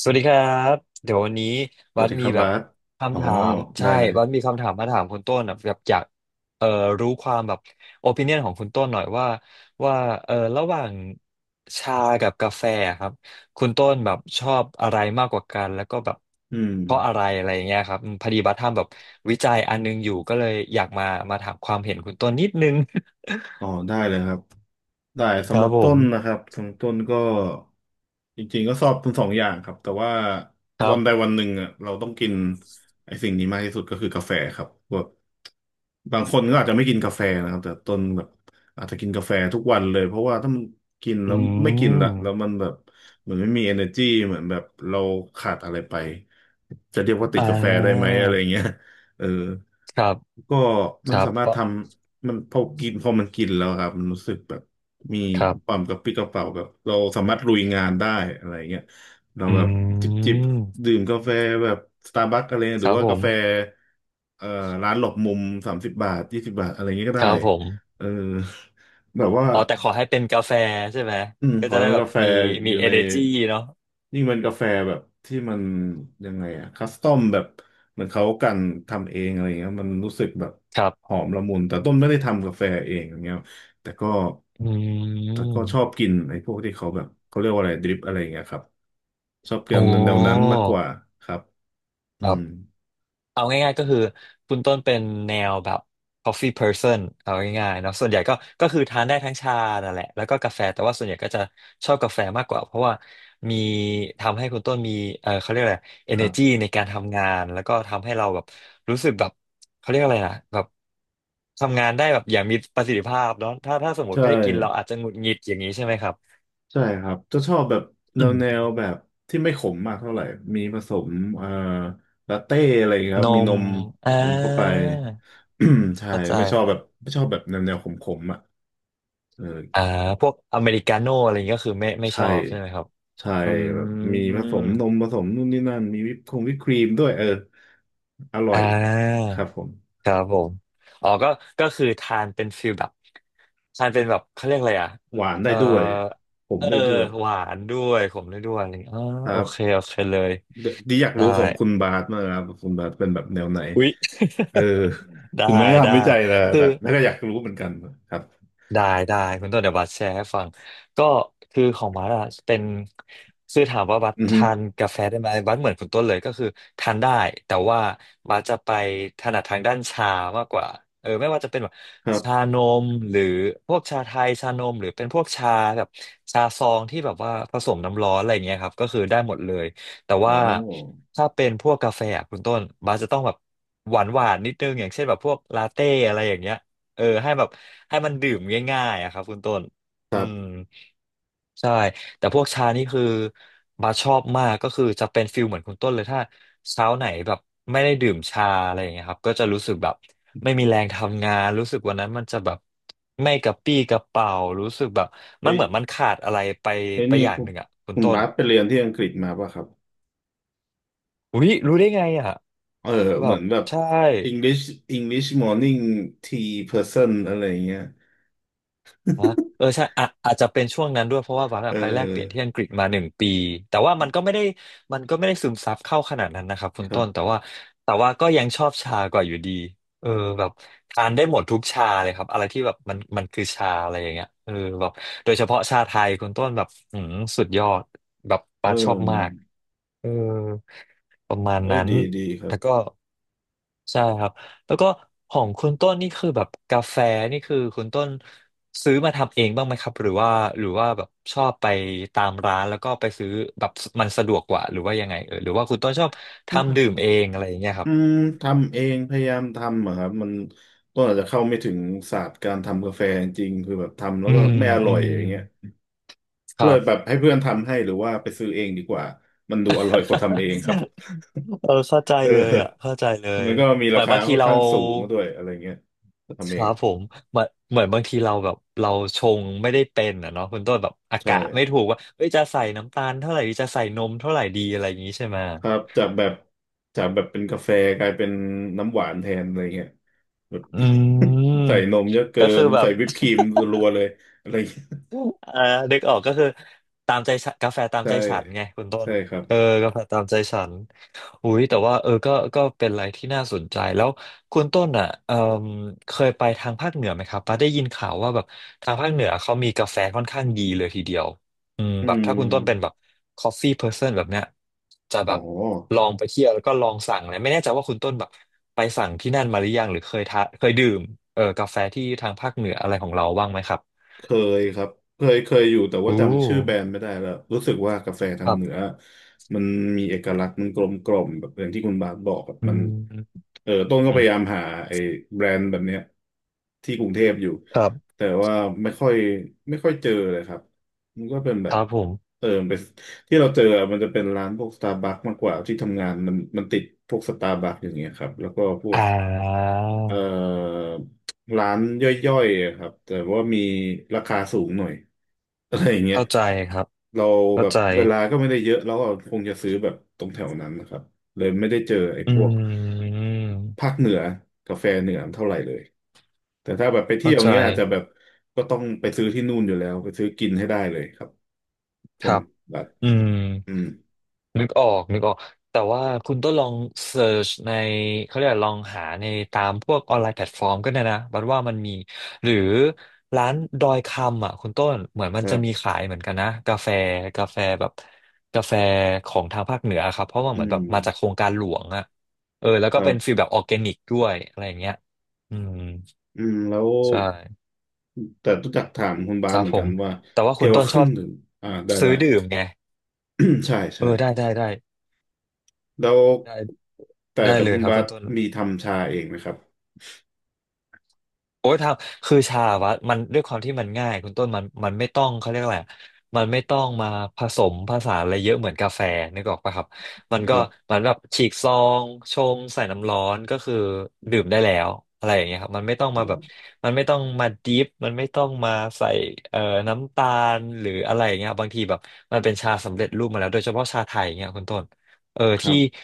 สวัสดีครับเดี๋ยววันนี้สบัวัสสดีคมีรับแบบาบสอ๋อคำถามได้ใช่เลยบัสมีคำถามมาถามคุณต้นอะแบบอยากเอ่อรู้ความแบบโอปิเนียนของคุณต้นหน่อยว่าว่าระหว่างชากับกาแฟครับคุณต้นแบบชอบอะไรมากกว่ากันแล้วก็แบบอืมเพราะอะไรอะไรอย่างเงี้ยครับอืมพอดีบัสทำแบบวิจัยอันนึงอยู่ก็เลยอยากมามาถามความเห็นคุณต้นนิดนึง อ๋อได้เลยครับได้ คสำรัหรับบผต้นนะมครับสำหรับต้นก็จริงๆก็ชอบทั้งสองอย่างครับแต่ว่าครัวันใดบวันหนึ่งอ่ะเราต้องกินไอ้สิ่งนี้มากที่สุดก็คือกาแฟครับแบบบางคนก็อาจจะไม่กินกาแฟนะครับแต่ต้นแบบอาจจะกินกาแฟทุกวันเลยเพราะว่าถ้ามันกินอืแล้วไม่กินละแล้วมมันแบบเหมือนไม่มี energy เหมือนแบบเราขาดอะไรไปจะเรียกว่าติอ่ดกาแฟได้ไหมาอะไรเงี้ย เออครับก็คมันรับสามาเพรถทราะำมันพอกินพอมันกินแล้วครับมันรู้สึกแบบมีครัควาบ มกระปรี้กระเปร่าแบบเราสามารถลุยงานได้อะไรเงี้ยเราอืแบบจิบจิบมดื่มกาแฟแบบสตาร์บัคอะไรหครือรับว่าผกาแฟมเอ่อร้านหลบมุม30 บาท20 บาทอะไรเงี้ยก็คได้รับผมเออแบบว่า อ๋อแต่ขอให้เป็นกาแฟใช่ไหมอืมก็ขอจะให้ได้มันแบบกาแฟมีอมี ยู่ใน energy เนาะยิ่งเป็นกาแฟแบบที่มันยังไงอะคัสตอมแบบเหมือนเขากันทำเองอะไรเงี้ยมันรู้สึกแบบครัหบอมละมุน แต่ต้นไม่ได้ทำกาแฟเองอย่างเงี้ยแต่ก็อืแต่ก็ชอบมกินไอ้พวกที่เขาแบบเขาเรียกว่าอะไรดริปอะไรเงี้ยครับชอบกินโอ้แนวนั้นมากกว่าครับคอืรับ มเอาง่ายๆก็คือคุณต้นเป็นแนวแบบ coffee person เอาง่ายๆเนาะส่วนใหญ่ก็ก็คือทานได้ทั้งชานั่นแหละแล้วก็กาแฟแต่ว่าส่วนใหญ่ก็จะชอบกาแฟมากกว่าเพราะว่ามีทำให้คุณต้นมีเออเขาเรียกอะไร ครั energy บในการทำงานแล้วก็ทำให้เราแบบรู้สึกแบบเขาเรียกอะไรนะแบบทำงานได้แบบอย่างมีประสิทธิภาพเนาะถ้าสมมติใช่ ไม่ได้กินเราอาจจะหงุดหงิดอย่างนี้ใช่ไหมครับใช่ครับจะชอบแบบแนอืวแนมวแบบที่ไม่ขมมากเท่าไหร่มีผสมเอ่อลาเต้อะไรอย่างเงี้ยคนรับมีนมมอ่นมเข้าไป า ใช่เข้าใจ ไม่ชอบแบบไม่ชอบแบบแนวแนวขมๆอ่ะเอออ่าพวกอเมริกาโน่อะไรอย่างเงี้ยก็คือไม่ชใช่อบใช่ไหมครับใช่อืแบบมีผสมนมมผสมนู่นนี่นั่นมีวิปคงวิปครีมด้วยเอออร่อ่อยาครับผมครับผมอ๋อก็คือทานเป็นฟิลแบบทานเป็นแบบเขาเรียกอะไรอ่ะหวานเอได้อด้วยผมเออได้ด้วยหวานด้วยขมด้วยอะไรอย่างเงี้ยอ๋อคโอรับเคโอเคเลยเดียวดีอยากได้รู้ของคุณบาสมากครับคุณบาสเป็นแบบแนวไหน อุ๊ย เออ ได้ถึงแม้ได้ทำวิจัยแล้วคือ แต่แม่ก็อยากรู้เหมือนกันครับได้ได้คุณต้นเดี๋ยวบัสแชร์ให้ฟังก็คือของบัสอะเป็นคือถามว่าบัสอือฮึทานกาแฟได้ไหมบัสเหมือนคุณต้นเลยก็คือทานได้แต่ว่าบัสจะไปถนัดทางด้านชามากกว่าเออไม่ว่าจะเป็นแบบครัชาบนมหรือพวกชาไทยชานมหรือเป็นพวกชาแบบชาซองที่แบบว่าผสมน้ำร้อนอะไรเงี้ยครับก็คือได้หมดเลยแต่โอ้ว่าถ้าเป็นพวกกาแฟอะคุณต้นบัสจะต้องแบบหวานหวานนิดนึงอย่างเช่นแบบพวกลาเต้อะไรอย่างเงี้ย เออให้แบบให้มันดื่มง่ายๆอะครับคุณต้นคอืรัมบใช่แต่พวกชานี่คือบาชอบมากก็คือจะเป็นฟิลเหมือนคุณต้นเลยถ้าเช้าไหนแบบไม่ได้ดื่มชาอะไรอย่างเงี้ยครับก็จะรู้สึกแบบไม่มีแรงทำงานรู้สึกวันนั้นมันจะแบบไม่กระปรี้กระเปร่ารู้สึกแบบมันเอ้ยเหมือนมันขาดอะไรไปเอ้ยไปนี่อย่างคุหณนึ่งอ่ะคุณคุณต้นบาสไปเรียนที่อังกฤษมาป่ะครับอุ้ยรู้ได้ไงอ่ะเออแบเหมือบนแบบ ใช่ English English morning tea person อะไรอย่างเงี้ย อ่ะ เออใช่อะอาจจะเป็นช่วงนั้นด้วยเพราะว่าวักเอะไปแลกเปลี่ยนที่อออังกฤษมาหนึ่งปีแต่ว่ามันก็ไม่ได้ซึมซับเข้าขนาดนั้นนะครับคุคณรัต้นแต่บว่าก็ยังชอบชากว่าอยู่ดีเออแบบทานได้หมดทุกชาเลยครับอะไรที่แบบมันคือชาอะไรอย่างเงี้ยเออแบบโดยเฉพาะชาไทยคุณต้นแบบอืมสุดยอดแบบเอป้าชอบมากอเออประมาณเอ้ยนั้นดีดีครัแล้บวก็ใช่ครับ แล้วก็ของคุณต้นนี่คือแบบกาแฟนี่คือคุณต้นซื้อมาทำเองบ้างไหมครับหรือว่าแบบชอบไปตามร้านแล้วก็ไปซื้อแบบมันสะดวกกว่าหรือว่ายังไงเออหรือว่าคุณต้นชอบทำดื่มเองอะไรอย่างเงี้ยคอืรับมทำเองพยายามทำอะครับมันก็อาจจะเข้าไม่ถึงศาสตร์การทำกาแฟจริงๆคือแบบทำแล้อืวก็มไม่ออืร่อยมอย่างเงี้ย คเลรัยบ แบบให้เพื่อนทำให้หรือว่าไปซื้อเองดีกว่ามันดูอร่อยกว่าทำเอ งครับเออเข้าใจเอเลยออ่ะเข้าใจเลยมันก็มีเหรามือนคาบางทีค่อนเราข้างสูงด้วยอะไรเงี้ยถ้าทำคเองรับอะผมเหมือนบางทีเราแบบเราชงไม่ได้เป็นอ่ะเนาะคุณต้นแบบอาใช่กะไม่ถูกว่าเอ้ยจะใส่น้ำตาลเท่าไหร่ดีจะใส่นมเท่าไหร่ดีอะไรอย่างงี้ใช่ไหม ครับจากแบบจากแบบเป็นกาแฟกลายเป็นน้ำหวานแทนอะไรเงี้ย แบบ อืม ใส่นมเยอะเกิก็คือนแบบ ใส่วิปครีมรัวๆเลยอะไรเงี้ยอ่านึกออกก็คือตามใจฉันกาแฟตามใช่ใจฉันไงคุณต้ใช่นครับเออกาแฟตามใจฉันอุ้ยแต่ว่าเออก็เป็นอะไรที่น่าสนใจแล้วคุณต้นอ่ะเออเคยไปทางภาคเหนือไหมครับป้าได้ยินข่าวว่าแบบทางภาคเหนือเขามีกาแฟค่อนข้างดีเลยทีเดียวอืมอืแบบถ้าคุณต้นเป็นแบบ ม coffee person แบบเนี้ยจะอ๋แบอ บลองไปเที่ยวแล้วก็ลองสั่งเลยไม่แน่ใจว่าคุณต้นแบบไปสั่งที่นั่นมาหรือยังหรือเคยทาเคยดื่มเออกาแฟที่ทางภาคเหนืออะไรของเราบ้างไหมครับเคยครับเคยเคยอยู่แต่ว่าอู้ จำชื่อแบรนด์ไม่ได้แล้วรู้สึกว่ากาแฟทาคงรัเหนือบมันมีเอกลักษณ์มันกลมกล่อมแบบอย่างที่คุณบาสบอกแบบอืมันมเออต้นก็อืพมยายามหาไอ้แบรนด์แบบเนี้ยที่กรุงเทพอยู่ครับ แต่ว่าไม่ค่อยไม่ค่อยเจอเลยครับมันก็เป็นแบคบรับผมเออเป็นที่เราเจออะมันจะเป็นร้านพวกสตาร์บัคมากกว่าที่ทำงานมันมันติดพวกสตาร์บัคอย่างเงี้ยครับแล้วก็พวอ่ก าเอ่อร้านย่อยๆอะครับแต่ว่ามีราคาสูงหน่อย อะไรอย่างเงี้ยเข้าใจครับเราเข้าแบบใจเวลาก็ไม่ได้เยอะแล้วก็คงจะซื้อแบบตรงแถวนั้นนะครับเลยไม่ได้เจอไอ้อืพวกมภาคเหนือกาแฟเหนือเท่าไหร่เลยแต่ถ้าแบบไปเที่เข้ายวอใจย่างเงี้ยอาจจะแบบก็ต้องไปซื้อที่นู่นอยู่แล้วไปซื้อกินให้ได้เลยครับคใช่ไหมรับแบบอืม อืมนึกออกนึกออกแต่ว่าคุณต้องลองเซิร์ชในเขาเรียกว่าลองหาในตามพวกออนไลน์แพลตฟอร์มก็ได้นะบัดว่ามันมีหรือร้านดอยคำอ่ะคุณต้นเหมือนมัคนจะมีรับขายเหมือนกันนะกาแฟกาแฟแบบกาแฟของทางภาคเหนือครับเพราะว่าอืเหมือนแบมบมาจากโครงการหลวงอ่ะเออแล้วคก็รัเป็นฟีบลแบบออร์แกนิกด้วยอะไรอย่างเงี้ยอืมอืมแล้ว ใช่แต่รู้จักถามคุณคบาสรัเหบมือนผกัมนว่าแต่ว่าคุเกี่ยณวกัต้บนเคชอรื่อบงดื่มอ่าได้ซื้ได้ อดื่มไง ใช่เอใช่อได้ได้ได้แล้วได้แต่ได้แต่เลยคุณครับบาคุสณต้น มีทำชาเองไหมครับโอ้ยทำคือชาวะมันด้วยความที่มันง่ายคุณต้นมันไม่ต้องเขาเรียกอะไรอะมันไม่ต้องมาผสมผสานอะไรเยอะเหมือนกาแฟนึกออกปะครับมันคก็รับมันแบบฉีกซองชงใส่น้ำร้อนก็คือดื่มได้แล้วอะไรอย่างเงี้ยครับมันไม่อ๋ต้องอมาแบบมันไม่ต้องมาดิฟมันไม่ต้องมาใส่เอ่อน้ำตาลหรืออะไรอย่างเงี้ยบางทีแบบมันเป็นชาสำเร็จรูปมาแล้วโดยเฉพาะชาไทยอย่างเงี้ยคุณต้นเออครัที่บ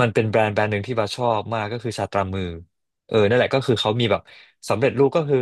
มันเป็นแบรนด์หนึ่งที่บาชอบมากก็คือชาตรามือ เออนั่นแหละก็คือเขามีแบบสำเร็จรูปก็คือ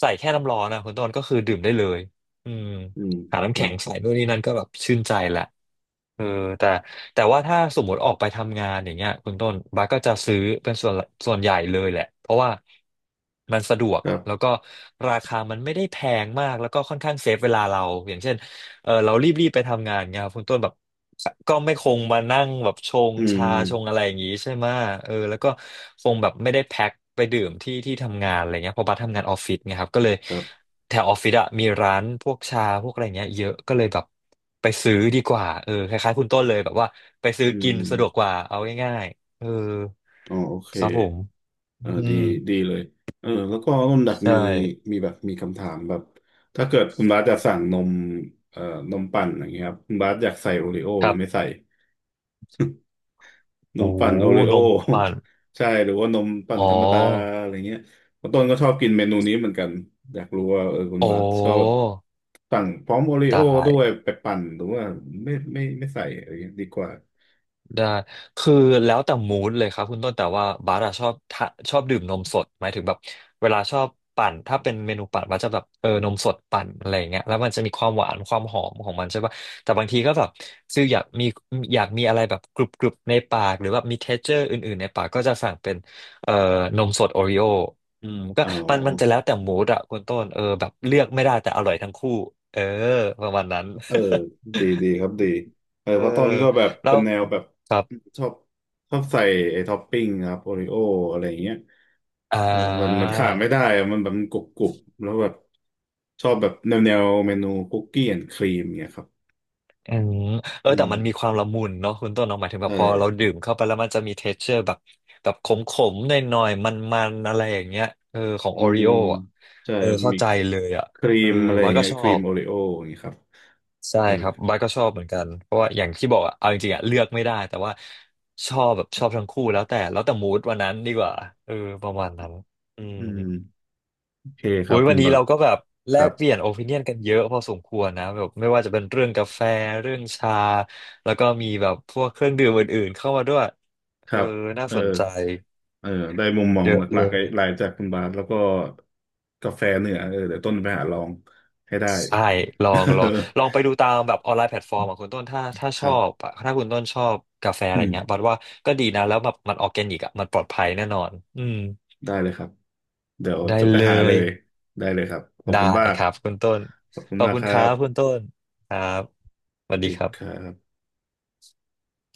ใส่แค่น้ำร้อนนะคุณต้นก็คือดื่มได้เลยอืมอืมหาน้ำครัแข็บงใส่นู่นนี่นั่นก็แบบชื่นใจแหละเออแต่แต่ว่าถ้าสมมติออกไปทำงานอย่างเงี้ยคุณต้นบาสก็จะซื้อเป็นส่วนใหญ่เลยแหละเพราะว่ามันสะดวกครัแล้วบก็ราคามันไม่ได้แพงมากแล้วก็ค่อนข้างเซฟเวลาเราอย่างเช่นเออเรารีบๆไปทำงานเงี้ยครับคุณต้นแบบ ก็ไม่คงมานั่งแบบชงอืชาชงอะมไรอย่างนี้ใช่ไหมะเออแล้วก็คงแบบไม่ได้แพ็คไปดื่มที่ที่ทำงานอะไรเงี้ยเพราะบัสทำงานออฟฟิศไงครับก็เลยครับแถวออฟฟิศอะมีร้านพวกชาพวกอะไรเงี้ยเยอะก็เลยแบบไปซื้อดีกว่าเออคล้ายๆคุณต้นเลยแบบว่าไปซื้ออืกินสะดวกกมว่าเอาง่ายๆเอออ๋อโอเคครับผมเอออืดีมดีเลยเออแล้วก็ต้นดักใช่มีมีแบบมีคำถามแบบถ้าเกิดคุณบาสจะสั่งนมเอ่อนมปั่นอย่างเงี้ยครับคุณบาสอยากใส่โอรีโอคหรืรัอไม่บใส่ นมโอ้โหปั่นโอเรโอ นมปั่น ใช่หรือว่านมปั่อ๋อนธรรมดาอะไรเงี้ยคุณต้นก็ชอบกินเมนูนี้เหมือนกันอยากรู้ว่าเออคุณโอ้บาสชอบสั่งพร้อมโอเรโอตาย ด้วยไปปั่นหรือว่าไม่ไม่ไม่ใส่อะไรเงี้ยดีกว่าได้คือแล้วแต่มูดเลยครับคุณต้นแต่ว่าบาร์อะชอบดื่มนมสดหมายถึงแบบเวลาชอบปั่นถ้าเป็นเมนูปั่นบาร์จะแบบเออนมสดปั่นอะไรอย่างเงี้ยแล้วมันจะมีความหวานความหอมของมันใช่ป่ะแต่บางทีก็แบบคืออยากมีอะไรแบบกรุบกรุบในปากหรือแบบมีเท็กเจอร์อื่นๆ ในปากก็จะสั่งเป็นเอ่อนมสดโอริโออืมก็อ๋อมันจะแล้วแต่มูดอะคุณต้นเออแบบเลือกไม่ได้แต่อร่อยทั้งคู่เออประมาณนั้น เออ ดีดีครับดีเออเออเพราะต้นก็แบบแล้เป็นว แนวแบบชอบชอบใส่ไอ้ท็อปปิ้งครับโอริโออะไรอย่างเงี้ยอ่เออมันมันาขาดไม่ได้อะมันแบบมันกรุบกรุบแล้วแบบชอบแบบแนวแนวเมนูคุกกี้แอนด์ครีมเงี้ยครับ อืมเอออืแต่มมันมีความละมุนเนาะคุณต้นเนาะหมายถึงแบใช่บพอเราดื่มเข้าไปแล้วมันจะมีเท x t เจอร์แบบแบบขมๆหน่อยๆมันๆอะไรอย่างเงี้ยเออของอืโอริมโออ่ะใช่เออเข้ามีใจเลยอ่ะครีเออมอะไรอบัย่าสงก็เงี้ยชอครีมบโอริโออย่างงี้ครับใช่เออครับบัสก็ชอบเหมือนกันเพราะว่าอย่างที่บอกอ่ะเอาจริงๆอะเลือกไม่ได้แต่ว่าชอบแบบชอบทั้งคู่แล้วแต่มูดวันนั้นดีกว่าเออประมาณนั้นอืม อืมโอเคคอุ้รับยคุวันณนี้บัเราตรก็แบบคแลรักบเปลี่ยนโอ i ิเนียนกันเยอะพอสมควรนะแบบไม่ว่าจะเป็นเรื่องกาแฟเรื่องชาแล้วก็มีแบบพวกเครื่องดื่มอื่นๆเข้ามาด้วยคเอรัอบน่าเออสนใจเออได้มุมมองเยหอะลัเลกๆไอ้ยหลายจากคุณบาทแล้วก็กาแฟเหนือเออเดี๋ยวต้นไปหาลองให้ได้ ใช่ลองลองลองไปดูตามแบบออนไลน์แพลตฟอร์มของคุณต้นถ้า คชรัอบบอะถ้าคุณต้นชอบกาแฟอะอืไรมเงี้ยบัดว่าก็ดีนะแล้วแบบมันออร์แกนิกอ่ะมันปลอดภัยแน่นอนอืมได้เลยครับเดี๋ยวได้จะไปเลหาเลยยได้เลยครับขอบได้คุณมากครับคุณต้นขอบคุณขอบมากคุคณรัครับคุณบต้นครับสสวัวัสสดีดีครัครับบ